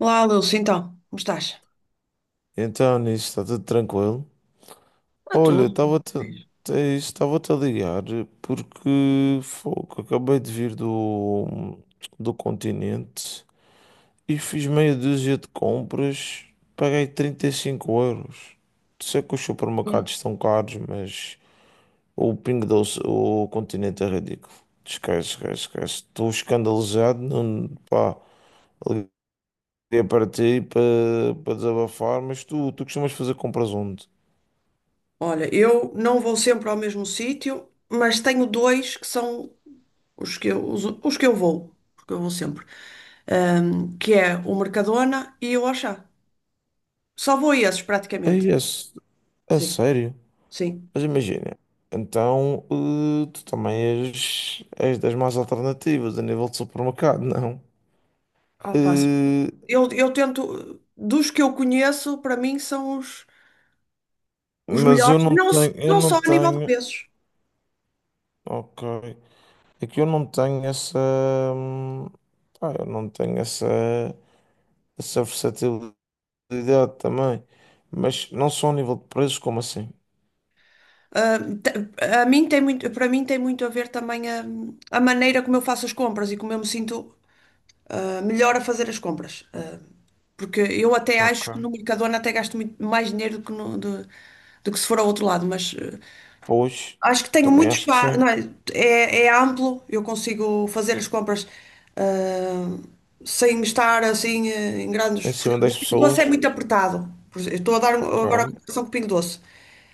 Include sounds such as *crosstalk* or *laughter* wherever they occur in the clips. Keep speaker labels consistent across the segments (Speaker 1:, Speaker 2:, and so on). Speaker 1: Olá, Lúcio, então, como estás?
Speaker 2: Então, nisso está tudo tranquilo.
Speaker 1: Ah, tudo.
Speaker 2: Olha, estava-te é isso, estava-te a ligar porque fogo, acabei de vir do Continente e fiz meia dúzia de compras, paguei 3 euros. Sei que os
Speaker 1: Hum.
Speaker 2: supermercados estão caros, mas o Pingo Doce, o Continente é ridículo. Esquece, esquece, esquece. Estou escandalizado. Não, pá, liguei para ti para desabafar, mas tu costumas fazer compras onde?
Speaker 1: Olha, eu não vou sempre ao mesmo sítio, mas tenho dois que são os que eu vou, porque eu vou sempre, que é o Mercadona e o Auchan. Só vou a esses,
Speaker 2: É
Speaker 1: praticamente.
Speaker 2: isso. A
Speaker 1: Sim,
Speaker 2: sério?
Speaker 1: sim.
Speaker 2: Mas imagina, então tu também és das mais alternativas a nível de supermercado, *laughs* não?
Speaker 1: Opa,
Speaker 2: Eh,
Speaker 1: eu tento, dos que eu conheço, para mim são os
Speaker 2: mas
Speaker 1: melhores, não,
Speaker 2: eu
Speaker 1: não
Speaker 2: não
Speaker 1: só a nível de
Speaker 2: tenho,
Speaker 1: preços.
Speaker 2: ok, é que eu não tenho essa, hum, pá, eu não tenho essa, essa versatilidade também, mas não só a nível de preços, como assim?
Speaker 1: Te- a mim tem muito, Para mim tem muito a ver também a maneira como eu faço as compras e como eu me sinto melhor a fazer as compras. Porque eu até
Speaker 2: Ok.
Speaker 1: acho que no Mercadona até gasto muito mais dinheiro do que, do que se for ao outro lado, mas
Speaker 2: Pois,
Speaker 1: acho que tenho
Speaker 2: também
Speaker 1: muito
Speaker 2: acho que
Speaker 1: espaço,
Speaker 2: sim.
Speaker 1: não é, é amplo, eu consigo fazer as compras ah, sem estar assim em
Speaker 2: Em
Speaker 1: grandes.
Speaker 2: cima
Speaker 1: Porque o
Speaker 2: das
Speaker 1: Pingo Doce é
Speaker 2: pessoas,
Speaker 1: muito apertado. Por exemplo, eu estou a dar um,
Speaker 2: ok.
Speaker 1: agora a comparação com o Pingo Doce.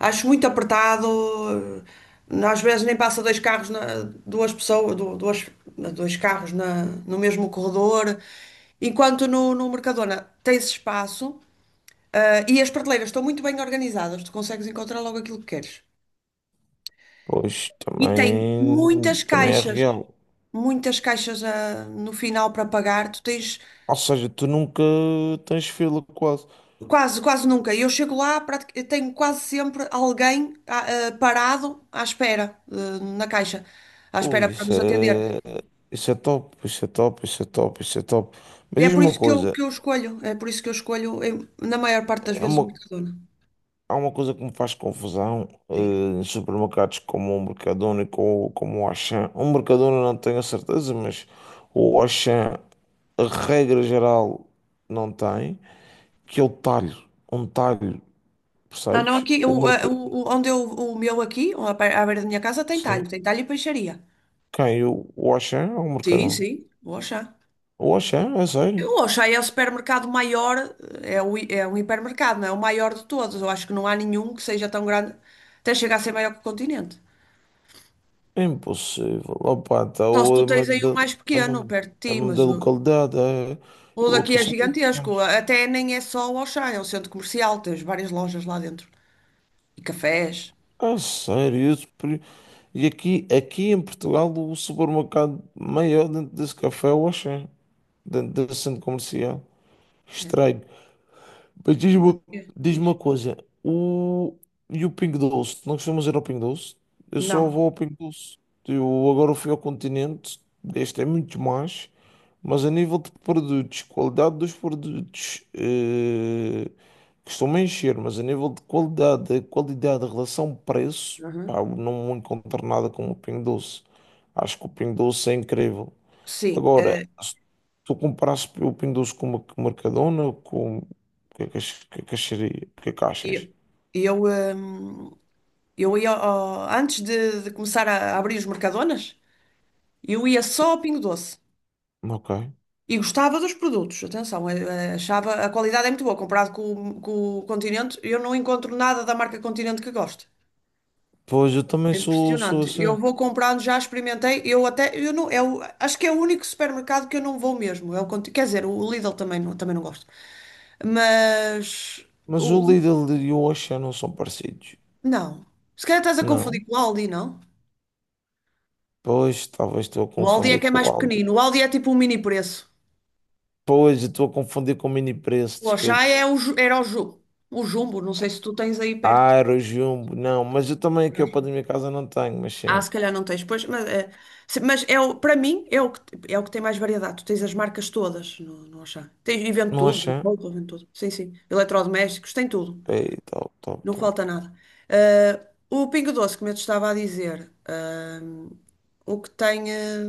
Speaker 1: Acho muito apertado, às vezes nem passa dois carros, duas pessoas, duas, dois carros no mesmo corredor. Enquanto no Mercadona tens espaço, e as prateleiras estão muito bem organizadas, tu consegues encontrar logo aquilo que queres.
Speaker 2: Pois
Speaker 1: E tem
Speaker 2: também, também é real.
Speaker 1: muitas caixas no final para pagar. Tu tens
Speaker 2: Ou seja, tu nunca tens fila quase.
Speaker 1: quase, quase nunca. Eu chego lá, eu tenho quase sempre alguém parado à espera, na caixa, à
Speaker 2: Ui,
Speaker 1: espera para nos atender.
Speaker 2: isso é top, isso é top, isso é top, isso é top.
Speaker 1: E
Speaker 2: Mas
Speaker 1: é
Speaker 2: diz
Speaker 1: por
Speaker 2: uma
Speaker 1: isso que eu,
Speaker 2: coisa,
Speaker 1: escolho, é por isso que eu escolho, na maior parte das
Speaker 2: é
Speaker 1: vezes, o
Speaker 2: uma,
Speaker 1: Mercadona.
Speaker 2: há uma coisa que me faz confusão,
Speaker 1: Sim.
Speaker 2: em supermercados como o Mercadona e como o Auchan. O Mercadona não tenho a certeza, mas o Auchan, a regra geral, não tem, que é o talho, um talho,
Speaker 1: Não, não,
Speaker 2: percebes?
Speaker 1: aqui,
Speaker 2: O
Speaker 1: o, ah,
Speaker 2: mercado,
Speaker 1: o- onde eu, o meu aqui, à beira da minha casa,
Speaker 2: sim.
Speaker 1: tem talho e peixaria.
Speaker 2: Quem? O Auchan ou o
Speaker 1: Sim,
Speaker 2: Mercadona?
Speaker 1: sim, vou achar.
Speaker 2: O Auchan, é sério.
Speaker 1: Eu acho aí é o supermercado maior, é um hipermercado, não é? O maior de todos. Eu acho que não há nenhum que seja tão grande, até chegar a ser maior que o Continente.
Speaker 2: É impossível. Opa,
Speaker 1: Só se tu
Speaker 2: então
Speaker 1: tens aí o mais
Speaker 2: é
Speaker 1: pequeno,
Speaker 2: mesmo,
Speaker 1: perto de ti,
Speaker 2: é mesmo
Speaker 1: mas
Speaker 2: da
Speaker 1: o,
Speaker 2: localidade. É,
Speaker 1: o
Speaker 2: eu
Speaker 1: daqui
Speaker 2: aqui
Speaker 1: é
Speaker 2: só tenho
Speaker 1: gigantesco.
Speaker 2: 500.
Speaker 1: Até nem é só o Auchan, é um centro comercial, tens várias lojas lá dentro. E cafés.
Speaker 2: Ah, sério? E aqui, aqui em Portugal, o supermercado maior dentro desse café é o Auchan, dentro desse centro comercial.
Speaker 1: É,
Speaker 2: Estranho. Mas diz-me uma
Speaker 1: é,
Speaker 2: Diz-me uma
Speaker 1: diz.
Speaker 2: coisa, o... e o Pingo Doce? Não costumas ir ao Pingo Doce? Eu só
Speaker 1: Não.
Speaker 2: vou ao Pingo Doce. Eu agora fui ao Continente. Este é muito mais, mas a nível de produtos, qualidade dos produtos, costumo encher, mas a nível de qualidade, a qualidade, a relação preço, pá,
Speaker 1: Uhum.
Speaker 2: eu não encontro nada como o Pingo Doce. Acho que o Pingo Doce é incrível.
Speaker 1: Sim.
Speaker 2: Agora, se tu comprasse o Pingo Doce com uma com Mercadona, com... O que é que ach- Que é que acharia? O que é que achas?
Speaker 1: E eu, hum, eu ia, antes de começar a abrir os Mercadonas, eu ia só
Speaker 2: Sim.
Speaker 1: ao Pingo Doce.
Speaker 2: Ok.
Speaker 1: E gostava dos produtos, atenção, achava a qualidade é muito boa, comparado com o Continente, eu não encontro nada da marca Continente que goste.
Speaker 2: Pois, eu também
Speaker 1: É
Speaker 2: sou
Speaker 1: impressionante. Eu
Speaker 2: assim.
Speaker 1: vou comprando, já experimentei, eu até, eu não, é o- acho que é o único supermercado que eu não vou mesmo. É o, Conti- quer dizer, o Lidl também não gosto. Mas,
Speaker 2: Mas o
Speaker 1: o, o-
Speaker 2: Lidl e o Auchan não são parecidos.
Speaker 1: não. Se calhar estás a
Speaker 2: Não.
Speaker 1: confundir com o Aldi, não?
Speaker 2: Pois, talvez estou a
Speaker 1: O Aldi é
Speaker 2: confundir
Speaker 1: que é
Speaker 2: com o
Speaker 1: mais
Speaker 2: Aldi.
Speaker 1: pequenino, o Aldi é tipo um mini preço.
Speaker 2: Pois, eu estou a confundir com o Mini Preço,
Speaker 1: O Auchan
Speaker 2: desculpa.
Speaker 1: era o Jumbo, não sei se tu tens aí perto.
Speaker 2: Ah, era o Jumbo. Não, mas eu também aqui ao pé da minha casa não tenho, mas
Speaker 1: Ah,
Speaker 2: sim.
Speaker 1: se calhar não tens, pois, mas, mas é o, para mim é o que tem mais variedade. Tu tens as marcas todas no Auchan. Tens, e vende
Speaker 2: No
Speaker 1: tudo, vende
Speaker 2: Auchan.
Speaker 1: roupa, vende tudo. Sim, sim. Eletrodomésticos, tem tudo.
Speaker 2: Ei, top, top,
Speaker 1: Não
Speaker 2: top.
Speaker 1: falta nada. Eh, o Pingo Doce, como eu te estava a dizer, o que tem. Eh,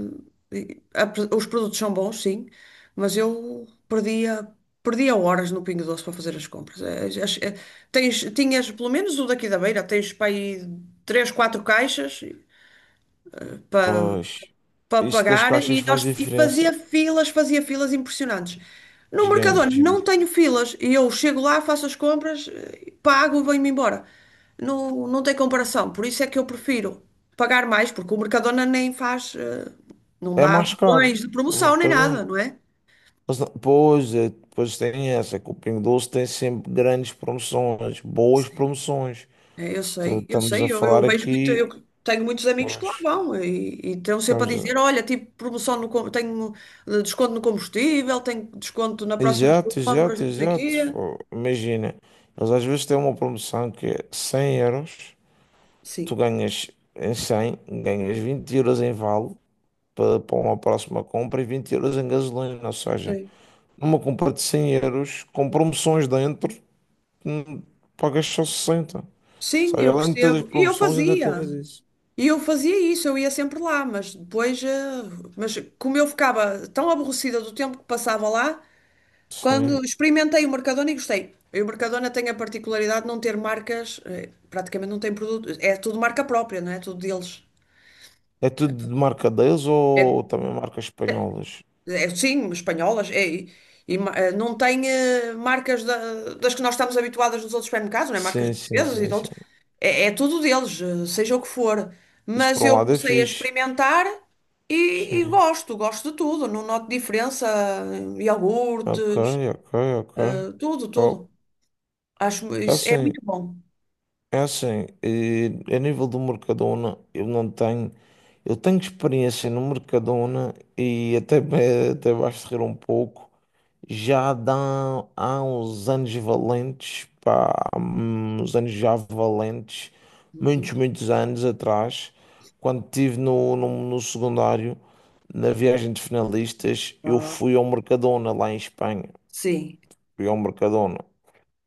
Speaker 1: e- a Os produtos são bons, sim, mas perdia horas no Pingo Doce para fazer as compras. Tens, tinhas, pelo menos o daqui da beira, tens para aí três, quatro caixas
Speaker 2: Pois,
Speaker 1: para
Speaker 2: isso das
Speaker 1: pagar
Speaker 2: caixas
Speaker 1: e,
Speaker 2: faz
Speaker 1: nós, e
Speaker 2: diferença.
Speaker 1: fazia filas impressionantes. No Mercadona não
Speaker 2: Gigantes.
Speaker 1: tenho filas, e eu chego lá, faço as compras, pago e venho-me embora. Não, não tem comparação, por isso é que eu prefiro pagar mais, porque o Mercadona nem faz, não
Speaker 2: É
Speaker 1: dá
Speaker 2: mais caro
Speaker 1: cupons de
Speaker 2: no
Speaker 1: promoção nem
Speaker 2: Mercadona.
Speaker 1: nada, não é?
Speaker 2: Mas não- Pois, é, depois tem essa, que o Pingo Doce tem sempre grandes promoções, boas
Speaker 1: Sim.
Speaker 2: promoções.
Speaker 1: É, eu
Speaker 2: Então,
Speaker 1: sei, eu
Speaker 2: estamos a
Speaker 1: sei, eu
Speaker 2: falar
Speaker 1: vejo muito, eu
Speaker 2: aqui,
Speaker 1: tenho muitos amigos que lá
Speaker 2: pois,
Speaker 1: vão e estão sempre a
Speaker 2: estamos
Speaker 1: dizer,
Speaker 2: a...
Speaker 1: olha, tipo, promoção no, com- tenho desconto no combustível, tenho desconto na próxima
Speaker 2: Exato,
Speaker 1: compras,
Speaker 2: exato,
Speaker 1: não sei o
Speaker 2: exato.
Speaker 1: quê.
Speaker 2: Imagina, eles às vezes têm uma promoção que é 100 euros, tu
Speaker 1: Sim,
Speaker 2: ganhas em 100, ganhas 20 € em vale para uma próxima compra e 20 € em gasolina. Ou seja,
Speaker 1: sim.
Speaker 2: numa compra de 100 euros, com promoções dentro, hum, pagas só 60.
Speaker 1: Sim,
Speaker 2: Sabe,
Speaker 1: eu
Speaker 2: além de todas as
Speaker 1: percebo. E eu
Speaker 2: promoções, ainda
Speaker 1: fazia.
Speaker 2: tens isso.
Speaker 1: E eu fazia isso, eu ia sempre lá, mas depois, mas como eu ficava tão aborrecida do tempo que passava lá, quando
Speaker 2: Sim.
Speaker 1: experimentei o Mercadona e gostei. E o Mercadona tem a particularidade de não ter marcas, praticamente não tem produto, é tudo marca própria, não é? Tudo deles.
Speaker 2: É tudo de marca deles
Speaker 1: É,
Speaker 2: ou também marcas espanholas?
Speaker 1: é, sim, espanholas, é, não tem marcas das que nós estamos habituadas nos outros supermercados, não é? Marcas
Speaker 2: Sim, sim,
Speaker 1: portuguesas e
Speaker 2: sim,
Speaker 1: de
Speaker 2: sim.
Speaker 1: outros. É, é tudo deles, seja o que for.
Speaker 2: Isso
Speaker 1: Mas
Speaker 2: por um
Speaker 1: eu
Speaker 2: lado é
Speaker 1: comecei a
Speaker 2: fixe.
Speaker 1: experimentar e, e
Speaker 2: Sim.
Speaker 1: gosto, gosto de tudo. Não noto diferença,
Speaker 2: Ok,
Speaker 1: iogurtes,
Speaker 2: ok, ok.
Speaker 1: tudo, tudo.
Speaker 2: Top.
Speaker 1: Acho
Speaker 2: É
Speaker 1: isso é
Speaker 2: assim,
Speaker 1: muito bom.
Speaker 2: É assim, a nível do Mercadona, eu não tenho. Eu tenho experiência no Mercadona até vais rir um pouco. Já dá, há uns anos valentes, pá, uns anos já valentes, muitos,
Speaker 1: Uhum.
Speaker 2: muitos anos atrás, quando estive no secundário, na viagem de finalistas. Eu
Speaker 1: Ah,
Speaker 2: fui ao Mercadona lá em Espanha.
Speaker 1: sim.
Speaker 2: Fui ao Mercadona.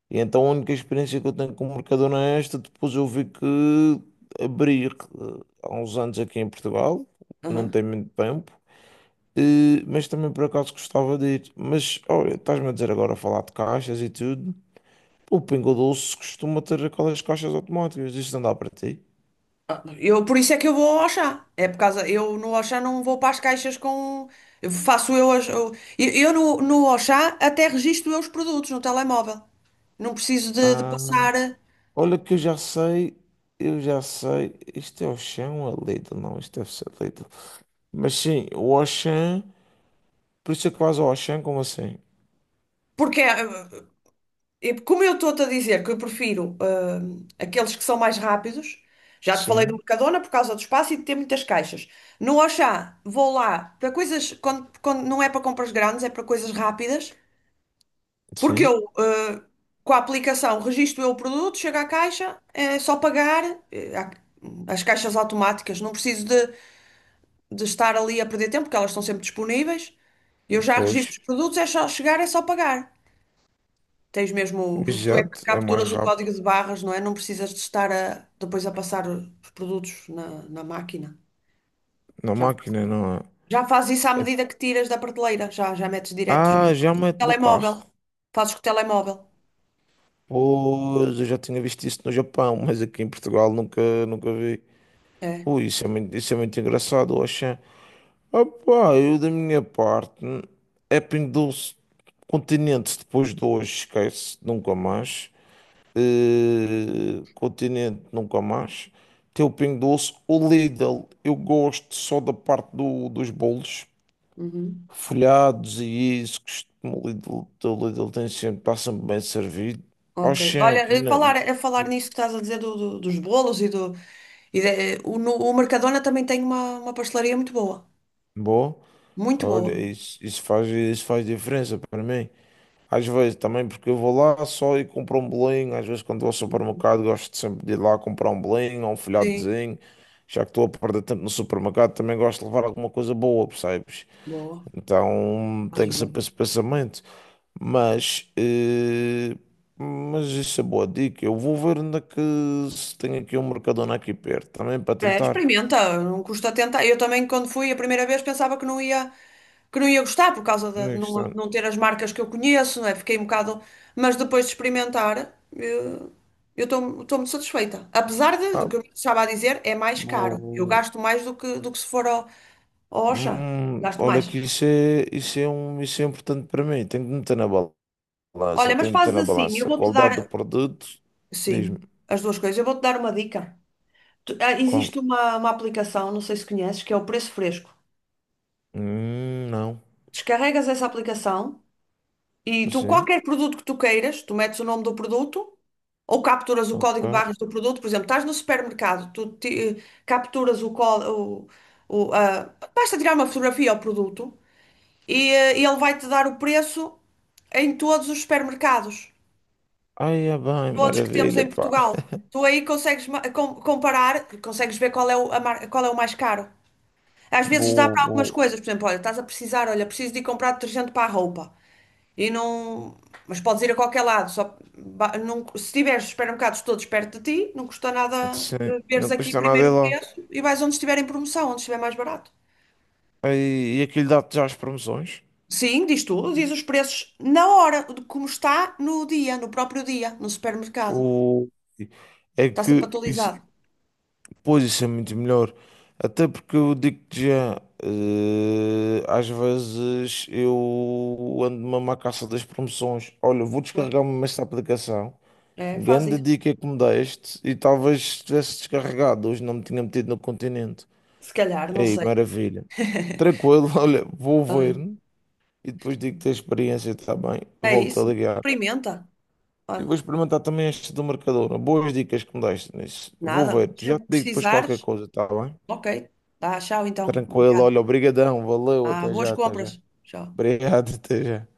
Speaker 2: E então a única experiência que eu tenho com Mercadona é esta. Depois eu vi que abrir há uns anos aqui em Portugal, não
Speaker 1: Aham.
Speaker 2: tem muito tempo, mas também por acaso gostava de ir. Mas olha, estás-me a dizer agora a falar de caixas e tudo. O Pingo Doce costuma ter aquelas caixas automáticas, isto não dá para ti.
Speaker 1: Ah, por isso é que eu vou ao Auchan. É por causa. Eu no Auchan não vou para as caixas com. Eu faço eu as. Eu no Auchan até registro eu os produtos no telemóvel. Não preciso de
Speaker 2: Ah,
Speaker 1: passar. Eh,
Speaker 2: olha que eu já sei, isto é o chão a Lidl, não, isto deve ser Lidl. Mas sim, o Auchan, por isso é que vais ao Auchan, como assim?
Speaker 1: Porque, como eu estou-te a dizer que eu prefiro aqueles que são mais rápidos, já te falei do
Speaker 2: Sim,
Speaker 1: Mercadona por causa do espaço e de ter muitas caixas. No Auchan, vou lá para coisas. Quando não é para compras grandes, é para coisas rápidas. Porque
Speaker 2: sim.
Speaker 1: com a aplicação, registro eu o produto, chego à caixa, é só pagar, eh, há- as caixas automáticas, não preciso de estar ali a perder tempo, porque elas estão sempre disponíveis. Eu já
Speaker 2: Pois,
Speaker 1: registro os produtos, é só chegar, é só pagar. Tens mesmo, tu é que
Speaker 2: jato é mais
Speaker 1: capturas o
Speaker 2: rápido
Speaker 1: código de barras, não é? Não precisas de estar depois a passar os produtos na máquina.
Speaker 2: na
Speaker 1: Já faz,
Speaker 2: máquina,
Speaker 1: isso.
Speaker 2: não é?
Speaker 1: Já faz isso à
Speaker 2: É-
Speaker 1: medida que tiras da prateleira, já metes direto, já.
Speaker 2: Ah, já mete no
Speaker 1: Telemóvel,
Speaker 2: carro.
Speaker 1: fazes com o telemóvel.
Speaker 2: Pois, eu já tinha visto isso no Japão, *laughs* mas aqui em Portugal nunca, nunca vi.
Speaker 1: É.
Speaker 2: Ui, isso é muito engraçado, Oxê. Opá, eu da minha parte, é pendulce Continente depois de hoje, esquece, nunca mais. Continente, nunca mais. Teu Pingo Doce, o Lidl, eu gosto só da parte do, dos bolos,
Speaker 1: Uhum.
Speaker 2: folhados e isso que o Lidl tem sempre, está sempre bem servido.
Speaker 1: Ok.
Speaker 2: Oxen
Speaker 1: Olha,
Speaker 2: aqui
Speaker 1: a
Speaker 2: na
Speaker 1: falar, a falar nisso que estás a dizer dos bolos e do. E de- eh, o, no- o Mercadona também tem uma pastelaria muito boa.
Speaker 2: boa.
Speaker 1: Muito boa.
Speaker 2: Olha, isso faz diferença para mim. Às vezes também porque eu vou lá só e compro um bolinho, às vezes quando vou ao supermercado gosto sempre de ir lá comprar um bolinho ou um
Speaker 1: Sim.
Speaker 2: folhadozinho, já que estou a perder tempo no supermercado, também gosto de levar alguma coisa boa, percebes?
Speaker 1: Boa.
Speaker 2: Então tenho
Speaker 1: Fazes
Speaker 2: sempre
Speaker 1: bem.
Speaker 2: esse pensamento. Mas, eh, mas isso é boa dica. Eu vou ver onde é que se tem aqui um Mercadona aqui perto também para
Speaker 1: É,
Speaker 2: tentar.
Speaker 1: experimenta, não custa tentar. Eu também, quando fui a primeira vez, pensava que não ia gostar por causa de
Speaker 2: Next
Speaker 1: não,
Speaker 2: time.
Speaker 1: não ter as marcas que eu conheço, não é? Fiquei um bocado. Mas depois de experimentar, eu estou muito satisfeita. Apesar do
Speaker 2: Ah,
Speaker 1: que eu estava a dizer, é mais caro. Eu
Speaker 2: vou-
Speaker 1: gasto mais do que se for ao, Oxa, gasto
Speaker 2: Olha
Speaker 1: mais.
Speaker 2: que isso é importante para mim. Tenho que meter na balança.
Speaker 1: Olha, mas
Speaker 2: Tenho que meter
Speaker 1: fazes
Speaker 2: na
Speaker 1: assim, eu
Speaker 2: balança. A
Speaker 1: vou-te
Speaker 2: qualidade do
Speaker 1: dar,
Speaker 2: produto. Diz-me.
Speaker 1: sim, as duas coisas, eu vou-te dar uma dica.
Speaker 2: Qual?
Speaker 1: Existe uma aplicação, não sei se conheces, que é o Preço Fresco.
Speaker 2: Não.
Speaker 1: Descarregas essa aplicação e tu,
Speaker 2: Sim.
Speaker 1: qualquer produto que tu queiras, tu metes o nome do produto ou capturas o
Speaker 2: Ok.
Speaker 1: código de barras do produto. Por exemplo, estás no supermercado, capturas o código, basta tirar uma fotografia ao produto e ele vai-te dar o preço em todos os supermercados.
Speaker 2: Ai, é bem,
Speaker 1: Todos que temos
Speaker 2: maravilha,
Speaker 1: em
Speaker 2: pá.
Speaker 1: Portugal.
Speaker 2: *laughs*
Speaker 1: Tu aí consegues comparar, consegues ver qual é o mais caro. Às vezes dá
Speaker 2: Boa,
Speaker 1: para algumas
Speaker 2: boa.
Speaker 1: coisas, por exemplo, olha, estás a precisar, olha, preciso de ir comprar detergente para a roupa. E não, mas podes ir a qualquer lado, não, se tiveres supermercados todos perto de ti, não custa nada
Speaker 2: Sim,
Speaker 1: veres
Speaker 2: não
Speaker 1: aqui
Speaker 2: custa nada
Speaker 1: primeiro
Speaker 2: ir
Speaker 1: o
Speaker 2: lá.
Speaker 1: preço e vais onde estiver em promoção, onde estiver mais barato.
Speaker 2: E aquilo dá-te já as promoções.
Speaker 1: Sim, diz tudo, diz os preços na hora, de como está no dia, no próprio dia, no supermercado.
Speaker 2: O... É
Speaker 1: Está sempre
Speaker 2: que isso,
Speaker 1: atualizado.
Speaker 2: pois isso é muito melhor. Até porque eu digo-te já, às vezes eu ando mesmo à caça das promoções. Olha, vou
Speaker 1: Pois.
Speaker 2: descarregar-me esta aplicação.
Speaker 1: É, faz
Speaker 2: Grande
Speaker 1: isso.
Speaker 2: dica que me deste e talvez tivesse descarregado, hoje não me tinha metido no Continente.
Speaker 1: Se calhar, não
Speaker 2: Ei,
Speaker 1: sei.
Speaker 2: maravilha.
Speaker 1: *laughs*
Speaker 2: Tranquilo, *laughs* olha, vou
Speaker 1: Olha,
Speaker 2: ver e depois digo-te a experiência, está bem?
Speaker 1: é
Speaker 2: Volto a
Speaker 1: isso.
Speaker 2: ligar.
Speaker 1: Experimenta.
Speaker 2: E
Speaker 1: Olha,
Speaker 2: vou experimentar também este do Mercadona. Boas dicas que me deste nisso. Vou
Speaker 1: nada.
Speaker 2: ver. Já
Speaker 1: Sempre
Speaker 2: te
Speaker 1: que
Speaker 2: digo depois qualquer
Speaker 1: precisares.
Speaker 2: coisa, tá bem?
Speaker 1: Ok. Tá, tchau então.
Speaker 2: Tranquilo.
Speaker 1: Obrigada.
Speaker 2: Olha, obrigadão. Valeu.
Speaker 1: Ah,
Speaker 2: Até
Speaker 1: boas
Speaker 2: já, até
Speaker 1: compras.
Speaker 2: já.
Speaker 1: Tchau.
Speaker 2: Obrigado, até já.